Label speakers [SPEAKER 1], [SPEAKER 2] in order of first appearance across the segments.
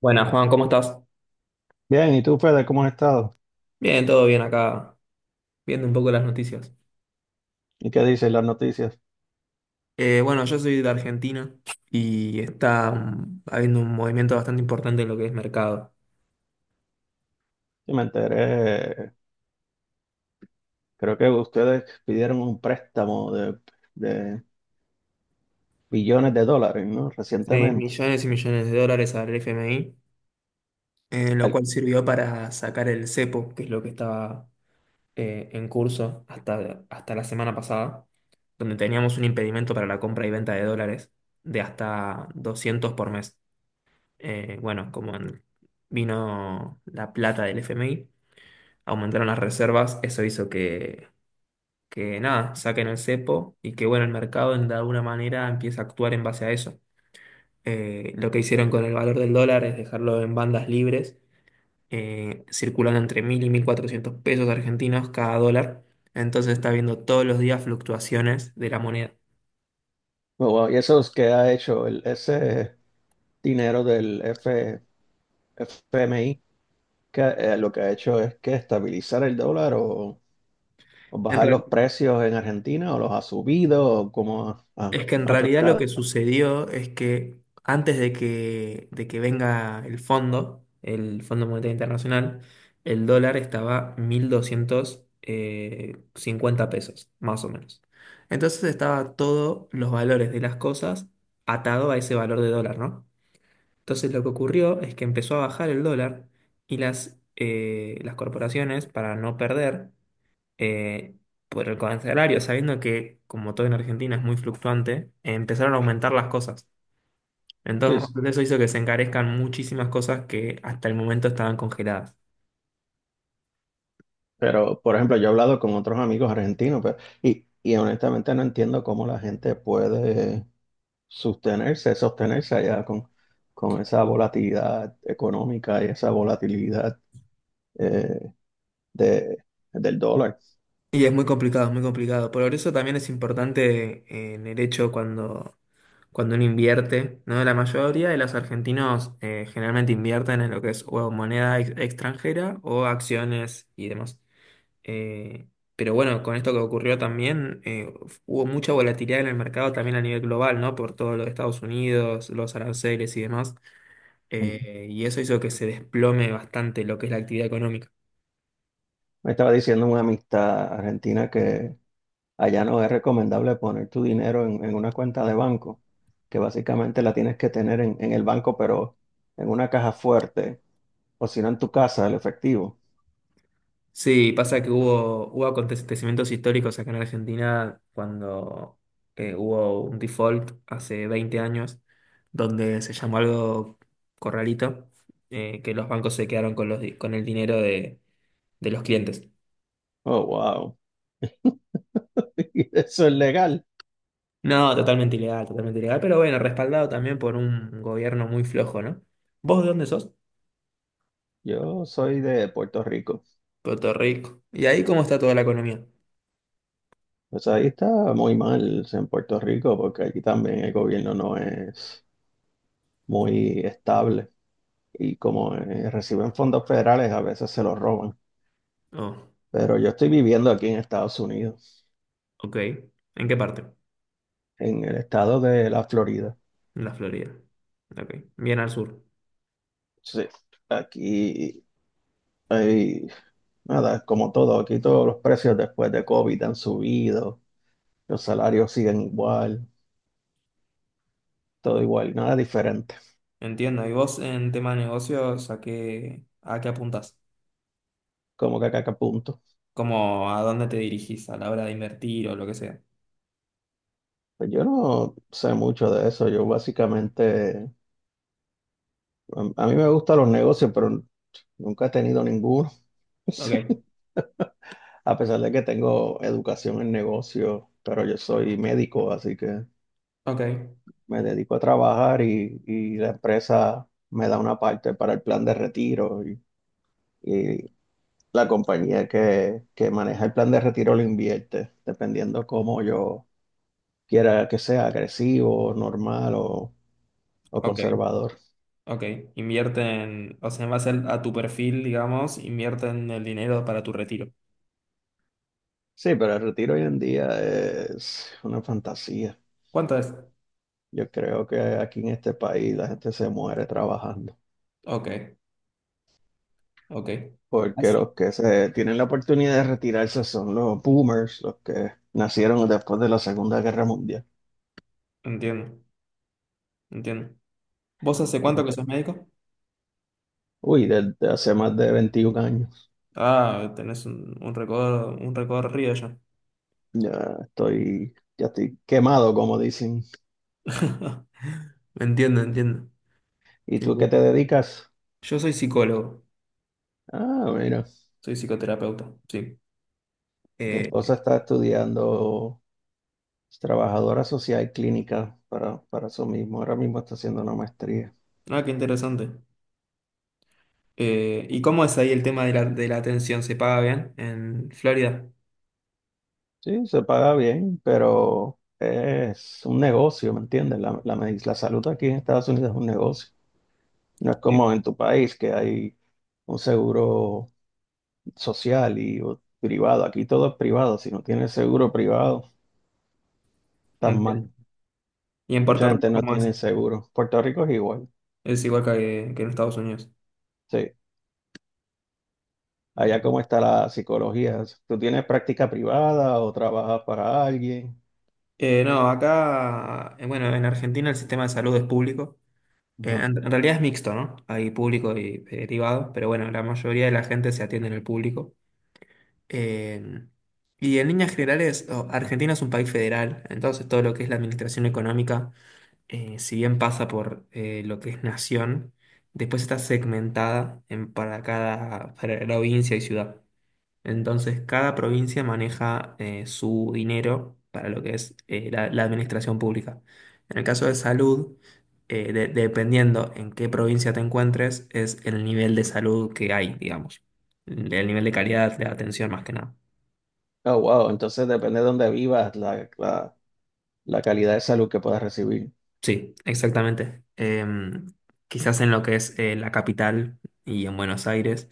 [SPEAKER 1] Buenas, Juan, ¿cómo estás?
[SPEAKER 2] Bien, ¿y tú, Fede, cómo has estado?
[SPEAKER 1] Bien, todo bien acá, viendo un poco las noticias.
[SPEAKER 2] ¿Y qué dicen las noticias?
[SPEAKER 1] Bueno, yo soy de Argentina y está habiendo un movimiento bastante importante en lo que es mercado.
[SPEAKER 2] Sí, me enteré, creo que ustedes pidieron un préstamo de billones de dólares, ¿no? Recientemente.
[SPEAKER 1] Millones y millones de dólares al FMI, lo
[SPEAKER 2] Ay,
[SPEAKER 1] cual sirvió
[SPEAKER 2] ajá.
[SPEAKER 1] para sacar el cepo, que es lo que estaba en curso hasta la semana pasada, donde teníamos un impedimento para la compra y venta de dólares de hasta 200 por mes. Eh, bueno, como en- vino la plata del FMI, aumentaron las reservas. Eso hizo que nada, saquen el cepo y que bueno, el mercado de alguna manera empieza a actuar en base a eso. Lo que hicieron con el valor del dólar es dejarlo en bandas libres, circulando entre 1.000 y 1.400 pesos argentinos cada dólar. Entonces está viendo todos los días fluctuaciones de la moneda.
[SPEAKER 2] Bueno, ¿y eso es que ha hecho el, ese dinero del FMI? Que, lo que ha hecho es que estabilizar el dólar o bajar los
[SPEAKER 1] En
[SPEAKER 2] precios en Argentina o los ha subido o cómo ha
[SPEAKER 1] Es que en realidad lo
[SPEAKER 2] afectado.
[SPEAKER 1] que sucedió es que antes de de que venga el Fondo Monetario Internacional, el dólar estaba mil doscientos cincuenta pesos, más o menos. Entonces estaba todos los valores de las cosas atado a ese valor de dólar, ¿no? Entonces lo que ocurrió es que empezó a bajar el dólar y las corporaciones, para no perder, eh, por el correccionario, sabiendo que, como todo en Argentina es muy fluctuante, empezaron a aumentar las cosas.
[SPEAKER 2] Sí,
[SPEAKER 1] Entonces,
[SPEAKER 2] sí.
[SPEAKER 1] eso hizo que se encarezcan muchísimas cosas que hasta el momento estaban congeladas.
[SPEAKER 2] Pero, por ejemplo, yo he hablado con otros amigos argentinos, pero, y honestamente no entiendo cómo la gente puede sostenerse allá con esa volatilidad económica y esa volatilidad eh, de, del dólar.
[SPEAKER 1] Y es muy complicado, es muy complicado. Por eso también es importante en el hecho cuando uno invierte, ¿no? La mayoría de los argentinos generalmente invierten en lo que es o moneda extranjera o acciones y demás. Eh, pero bueno, con esto que ocurrió también, hubo mucha volatilidad en el mercado también a nivel global, ¿no? Por todo lo de Estados Unidos, los aranceles y demás.
[SPEAKER 2] Ujú.
[SPEAKER 1] Y eso hizo que se desplome bastante lo que es la actividad económica.
[SPEAKER 2] Me estaba diciendo una amistad argentina que allá no es recomendable poner tu dinero en una cuenta de banco, que básicamente la tienes que tener en el banco, pero en una caja fuerte, o si no en tu casa, el efectivo.
[SPEAKER 1] Sí, pasa que hubo acontecimientos históricos acá en Argentina cuando hubo un default hace 20 años, donde se llamó algo corralito, que los bancos se quedaron con con el dinero de los clientes.
[SPEAKER 2] Oh, wow. Eso es legal.
[SPEAKER 1] No, totalmente ilegal, pero bueno, respaldado también por un gobierno muy flojo, ¿no? ¿Vos de dónde sos?
[SPEAKER 2] Yo soy de Puerto Rico.
[SPEAKER 1] Puerto Rico. ¿Y ahí cómo está toda la economía?
[SPEAKER 2] Pues ahí está muy mal en Puerto Rico porque aquí también el gobierno no es muy estable y como reciben fondos federales a veces se los roban.
[SPEAKER 1] Oh,
[SPEAKER 2] Pero yo estoy viviendo aquí en Estados Unidos,
[SPEAKER 1] ok. ¿En qué parte?
[SPEAKER 2] en el estado de la Florida.
[SPEAKER 1] En la Florida. Ok. Bien al sur.
[SPEAKER 2] Sí, aquí hay, nada, como todo, aquí todos los precios después de COVID han subido, los salarios siguen igual, todo igual, nada diferente,
[SPEAKER 1] Entiendo. ¿Y vos en tema de negocios a a qué apuntás?
[SPEAKER 2] como que acá, acá punto.
[SPEAKER 1] ¿Cómo a dónde te dirigís a la hora de invertir o lo que sea?
[SPEAKER 2] Pues yo no sé mucho de eso. Yo básicamente, a mí me gustan los negocios, pero nunca he tenido ninguno. Sí.
[SPEAKER 1] Ok,
[SPEAKER 2] A pesar de que tengo educación en negocios, pero yo soy médico, así que
[SPEAKER 1] ok,
[SPEAKER 2] me dedico a trabajar y la empresa me da una parte para el plan de retiro y la compañía que maneja el plan de retiro lo invierte, dependiendo cómo yo quiera que sea, agresivo, normal o
[SPEAKER 1] ok,
[SPEAKER 2] conservador.
[SPEAKER 1] ok. Invierten, o sea, en base a tu perfil, digamos, invierten el dinero para tu retiro.
[SPEAKER 2] Sí, pero el retiro hoy en día es una fantasía.
[SPEAKER 1] ¿Cuánto es?
[SPEAKER 2] Yo creo que aquí en este país la gente se muere trabajando,
[SPEAKER 1] Ok. Ok,
[SPEAKER 2] porque
[SPEAKER 1] Así-
[SPEAKER 2] los que se tienen la oportunidad de retirarse son los boomers, los que nacieron después de la Segunda Guerra Mundial.
[SPEAKER 1] entiendo, entiendo. ¿Vos hace cuánto que
[SPEAKER 2] Desde-
[SPEAKER 1] sos médico?
[SPEAKER 2] Uy, desde hace más de 21 años.
[SPEAKER 1] Ah, tenés un recorrido ya.
[SPEAKER 2] Ya estoy quemado, como dicen.
[SPEAKER 1] Entiendo, entiendo.
[SPEAKER 2] ¿Y
[SPEAKER 1] Sí,
[SPEAKER 2] tú qué te
[SPEAKER 1] sí.
[SPEAKER 2] dedicas?
[SPEAKER 1] Yo soy psicólogo,
[SPEAKER 2] Ah, mira,
[SPEAKER 1] soy psicoterapeuta, sí.
[SPEAKER 2] mi
[SPEAKER 1] Eh,
[SPEAKER 2] esposa está estudiando es trabajadora social clínica para eso mismo. Ahora mismo está haciendo una maestría.
[SPEAKER 1] ah, qué interesante. ¿Y cómo es ahí el tema de de la atención? ¿Se paga bien en Florida?
[SPEAKER 2] Sí, se paga bien, pero es un negocio, ¿me entiendes? La salud aquí en Estados Unidos es un negocio. No es
[SPEAKER 1] Sí,
[SPEAKER 2] como en tu país que hay un seguro social y privado. Aquí todo es privado. Si no tienes seguro privado, estás
[SPEAKER 1] entiendo.
[SPEAKER 2] mal.
[SPEAKER 1] ¿Y en
[SPEAKER 2] Mucha
[SPEAKER 1] Puerto
[SPEAKER 2] gente
[SPEAKER 1] Rico
[SPEAKER 2] no
[SPEAKER 1] cómo es?
[SPEAKER 2] tiene seguro. Puerto Rico es igual.
[SPEAKER 1] Es igual que en Estados Unidos.
[SPEAKER 2] Sí. Allá cómo
[SPEAKER 1] Entiendo.
[SPEAKER 2] está la psicología. ¿Tú tienes práctica privada o trabajas para alguien?
[SPEAKER 1] No, acá, en Argentina el sistema de salud es público.
[SPEAKER 2] Ujú.
[SPEAKER 1] En realidad es mixto, ¿no? Hay público y privado, pero bueno, la mayoría de la gente se atiende en el público. Eh, y en líneas generales, Argentina es un país federal, entonces todo lo que es la administración económica, si bien pasa por lo que es nación, después está segmentada en, para cada provincia y ciudad. Entonces, cada provincia maneja su dinero para lo que es la administración pública. En el caso de salud, dependiendo en qué provincia te encuentres, es el nivel de salud que hay, digamos. El nivel de calidad de atención más que nada.
[SPEAKER 2] Oh, wow. Entonces depende de dónde vivas, la la calidad de salud que puedas recibir.
[SPEAKER 1] Sí, exactamente. Quizás en lo que es la capital y en Buenos Aires,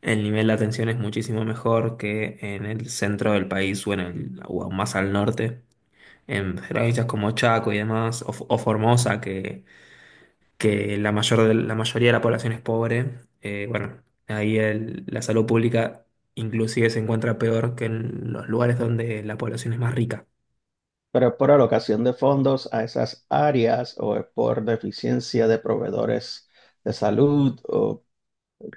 [SPEAKER 1] el nivel de atención es muchísimo mejor que en el centro del país o en el, o aún más al norte. En provincias como Chaco y demás, o Formosa, que la la mayoría de la población es pobre, eh, bueno, ahí la salud pública inclusive se encuentra peor que en los lugares donde la población es más rica.
[SPEAKER 2] Pero es por alocación de fondos a esas áreas o es por deficiencia de proveedores de salud o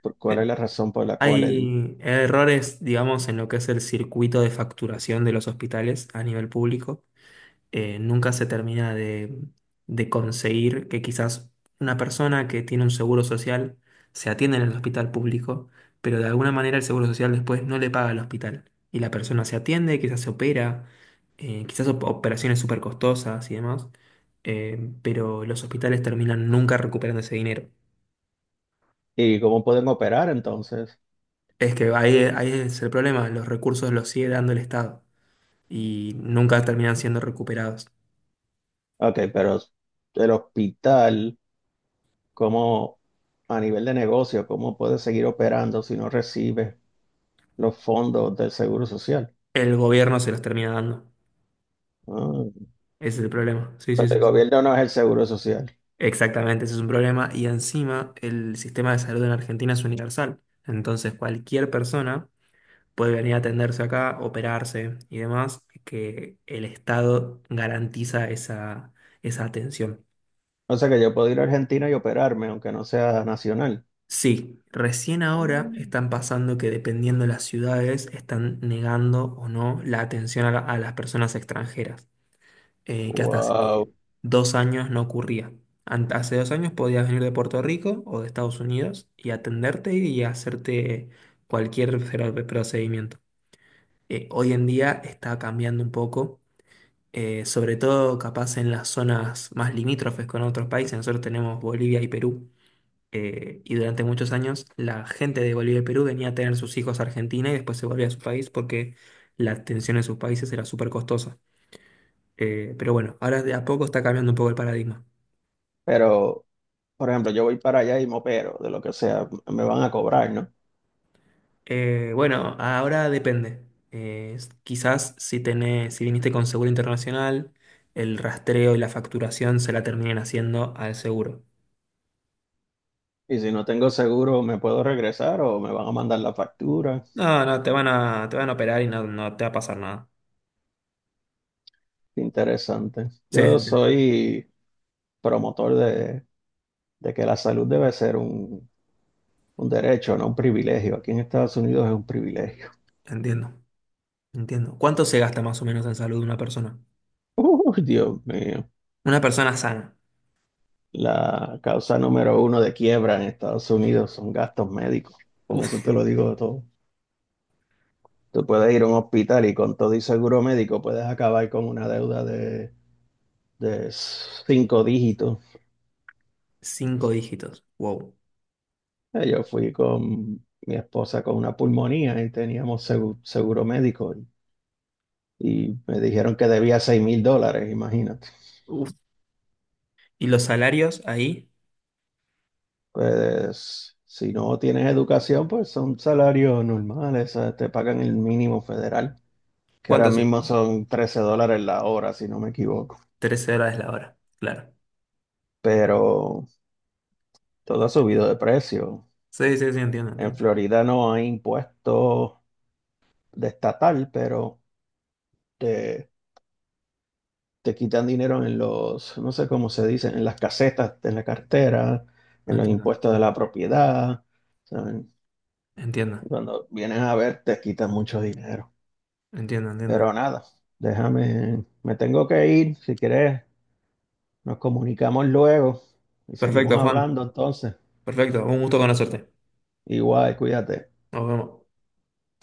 [SPEAKER 2] cuál es
[SPEAKER 1] Eh,
[SPEAKER 2] la razón por la cual el...
[SPEAKER 1] Hay errores, digamos, en lo que es el circuito de facturación de los hospitales a nivel público. Nunca se termina de conseguir que quizás una persona que tiene un seguro social se atienda en el hospital público, pero de alguna manera el seguro social después no le paga al hospital. Y la persona se atiende, quizás se opera, operaciones súper costosas y demás, pero los hospitales terminan nunca recuperando ese dinero.
[SPEAKER 2] Y cómo pueden operar entonces.
[SPEAKER 1] Es que ahí, ahí es el problema, los recursos los sigue dando el Estado y nunca terminan siendo recuperados.
[SPEAKER 2] Ok, pero el hospital, ¿cómo a nivel de negocio, cómo puede seguir operando si no recibe los fondos del Seguro Social?
[SPEAKER 1] El gobierno se los termina dando.
[SPEAKER 2] Ah,
[SPEAKER 1] Ese es el problema. Sí, sí,
[SPEAKER 2] pero el
[SPEAKER 1] sí. Sí.
[SPEAKER 2] gobierno no es el Seguro Social.
[SPEAKER 1] Exactamente, ese es un problema. Y encima, el sistema de salud en Argentina es universal. Entonces, cualquier persona puede venir a atenderse acá, operarse y demás, que el Estado garantiza esa, esa atención.
[SPEAKER 2] O sea que yo puedo ir a Argentina y operarme, aunque no sea nacional.
[SPEAKER 1] Sí, recién
[SPEAKER 2] Ah,
[SPEAKER 1] ahora están pasando que dependiendo de las ciudades, están negando o no la atención a, a las personas extranjeras. Que hasta hace
[SPEAKER 2] wow.
[SPEAKER 1] 2 años no ocurría. Hace 2 años podías venir de Puerto Rico o de Estados Unidos y atenderte y hacerte cualquier procedimiento. Hoy en día está cambiando un poco, sobre todo capaz en las zonas más limítrofes con otros países. Nosotros tenemos Bolivia y Perú. Y durante muchos años la gente de Bolivia y Perú venía a tener sus hijos a Argentina y después se volvía a su país porque la atención en sus países era súper costosa. Pero bueno, ahora de a poco está cambiando un poco el paradigma.
[SPEAKER 2] Pero, por ejemplo, yo voy para allá y me opero, de lo que sea, me van a cobrar, ¿no?
[SPEAKER 1] Bueno, Ahora depende. Quizás si tenés, si viniste con seguro internacional, el rastreo y la facturación se la terminen haciendo al seguro.
[SPEAKER 2] Y si no tengo seguro, ¿me puedo regresar o me van a mandar la factura?
[SPEAKER 1] No, te van a operar y no te va a pasar nada.
[SPEAKER 2] Interesante.
[SPEAKER 1] Sí,
[SPEAKER 2] Yo
[SPEAKER 1] entiendo,
[SPEAKER 2] soy promotor de que la salud debe ser un derecho, no un privilegio. Aquí en Estados Unidos es un privilegio.
[SPEAKER 1] entiendo. Entiendo. ¿Cuánto se gasta más o menos en salud de una persona?
[SPEAKER 2] Uy, Dios mío.
[SPEAKER 1] Una persona sana.
[SPEAKER 2] La causa número uno de quiebra en Estados Unidos son gastos médicos. Con eso te
[SPEAKER 1] Uf,
[SPEAKER 2] lo digo todo. Tú puedes ir a un hospital y con todo y seguro médico puedes acabar con una deuda de cinco dígitos.
[SPEAKER 1] cinco dígitos. Wow.
[SPEAKER 2] Yo fui con mi esposa con una pulmonía y teníamos seguro médico y me dijeron que debía $6,000, imagínate.
[SPEAKER 1] Uf. ¿Y los salarios ahí?
[SPEAKER 2] Pues si no tienes educación, pues son salarios normales, te pagan el mínimo federal, que ahora
[SPEAKER 1] ¿Cuánto son?
[SPEAKER 2] mismo son $13 la hora, si no me equivoco.
[SPEAKER 1] $13 la hora. Claro.
[SPEAKER 2] Pero todo ha subido de precio.
[SPEAKER 1] Sí, sí, sí, entiendo,
[SPEAKER 2] En
[SPEAKER 1] entiendo.
[SPEAKER 2] Florida no hay impuestos de estatal, pero... de te quitan dinero en los, no sé cómo se dice, en las casetas, en la cartera, en los
[SPEAKER 1] Entiendo,
[SPEAKER 2] impuestos de la propiedad, ¿saben?
[SPEAKER 1] entiendo,
[SPEAKER 2] Cuando vienes a ver, te quitan mucho dinero.
[SPEAKER 1] entiendo, entiendo.
[SPEAKER 2] Pero nada, déjame, me tengo que ir. Si quieres, nos comunicamos luego y seguimos
[SPEAKER 1] Perfecto, Juan.
[SPEAKER 2] hablando entonces.
[SPEAKER 1] Perfecto. Un gusto conocerte.
[SPEAKER 2] Igual, cuídate.
[SPEAKER 1] Nos vemos.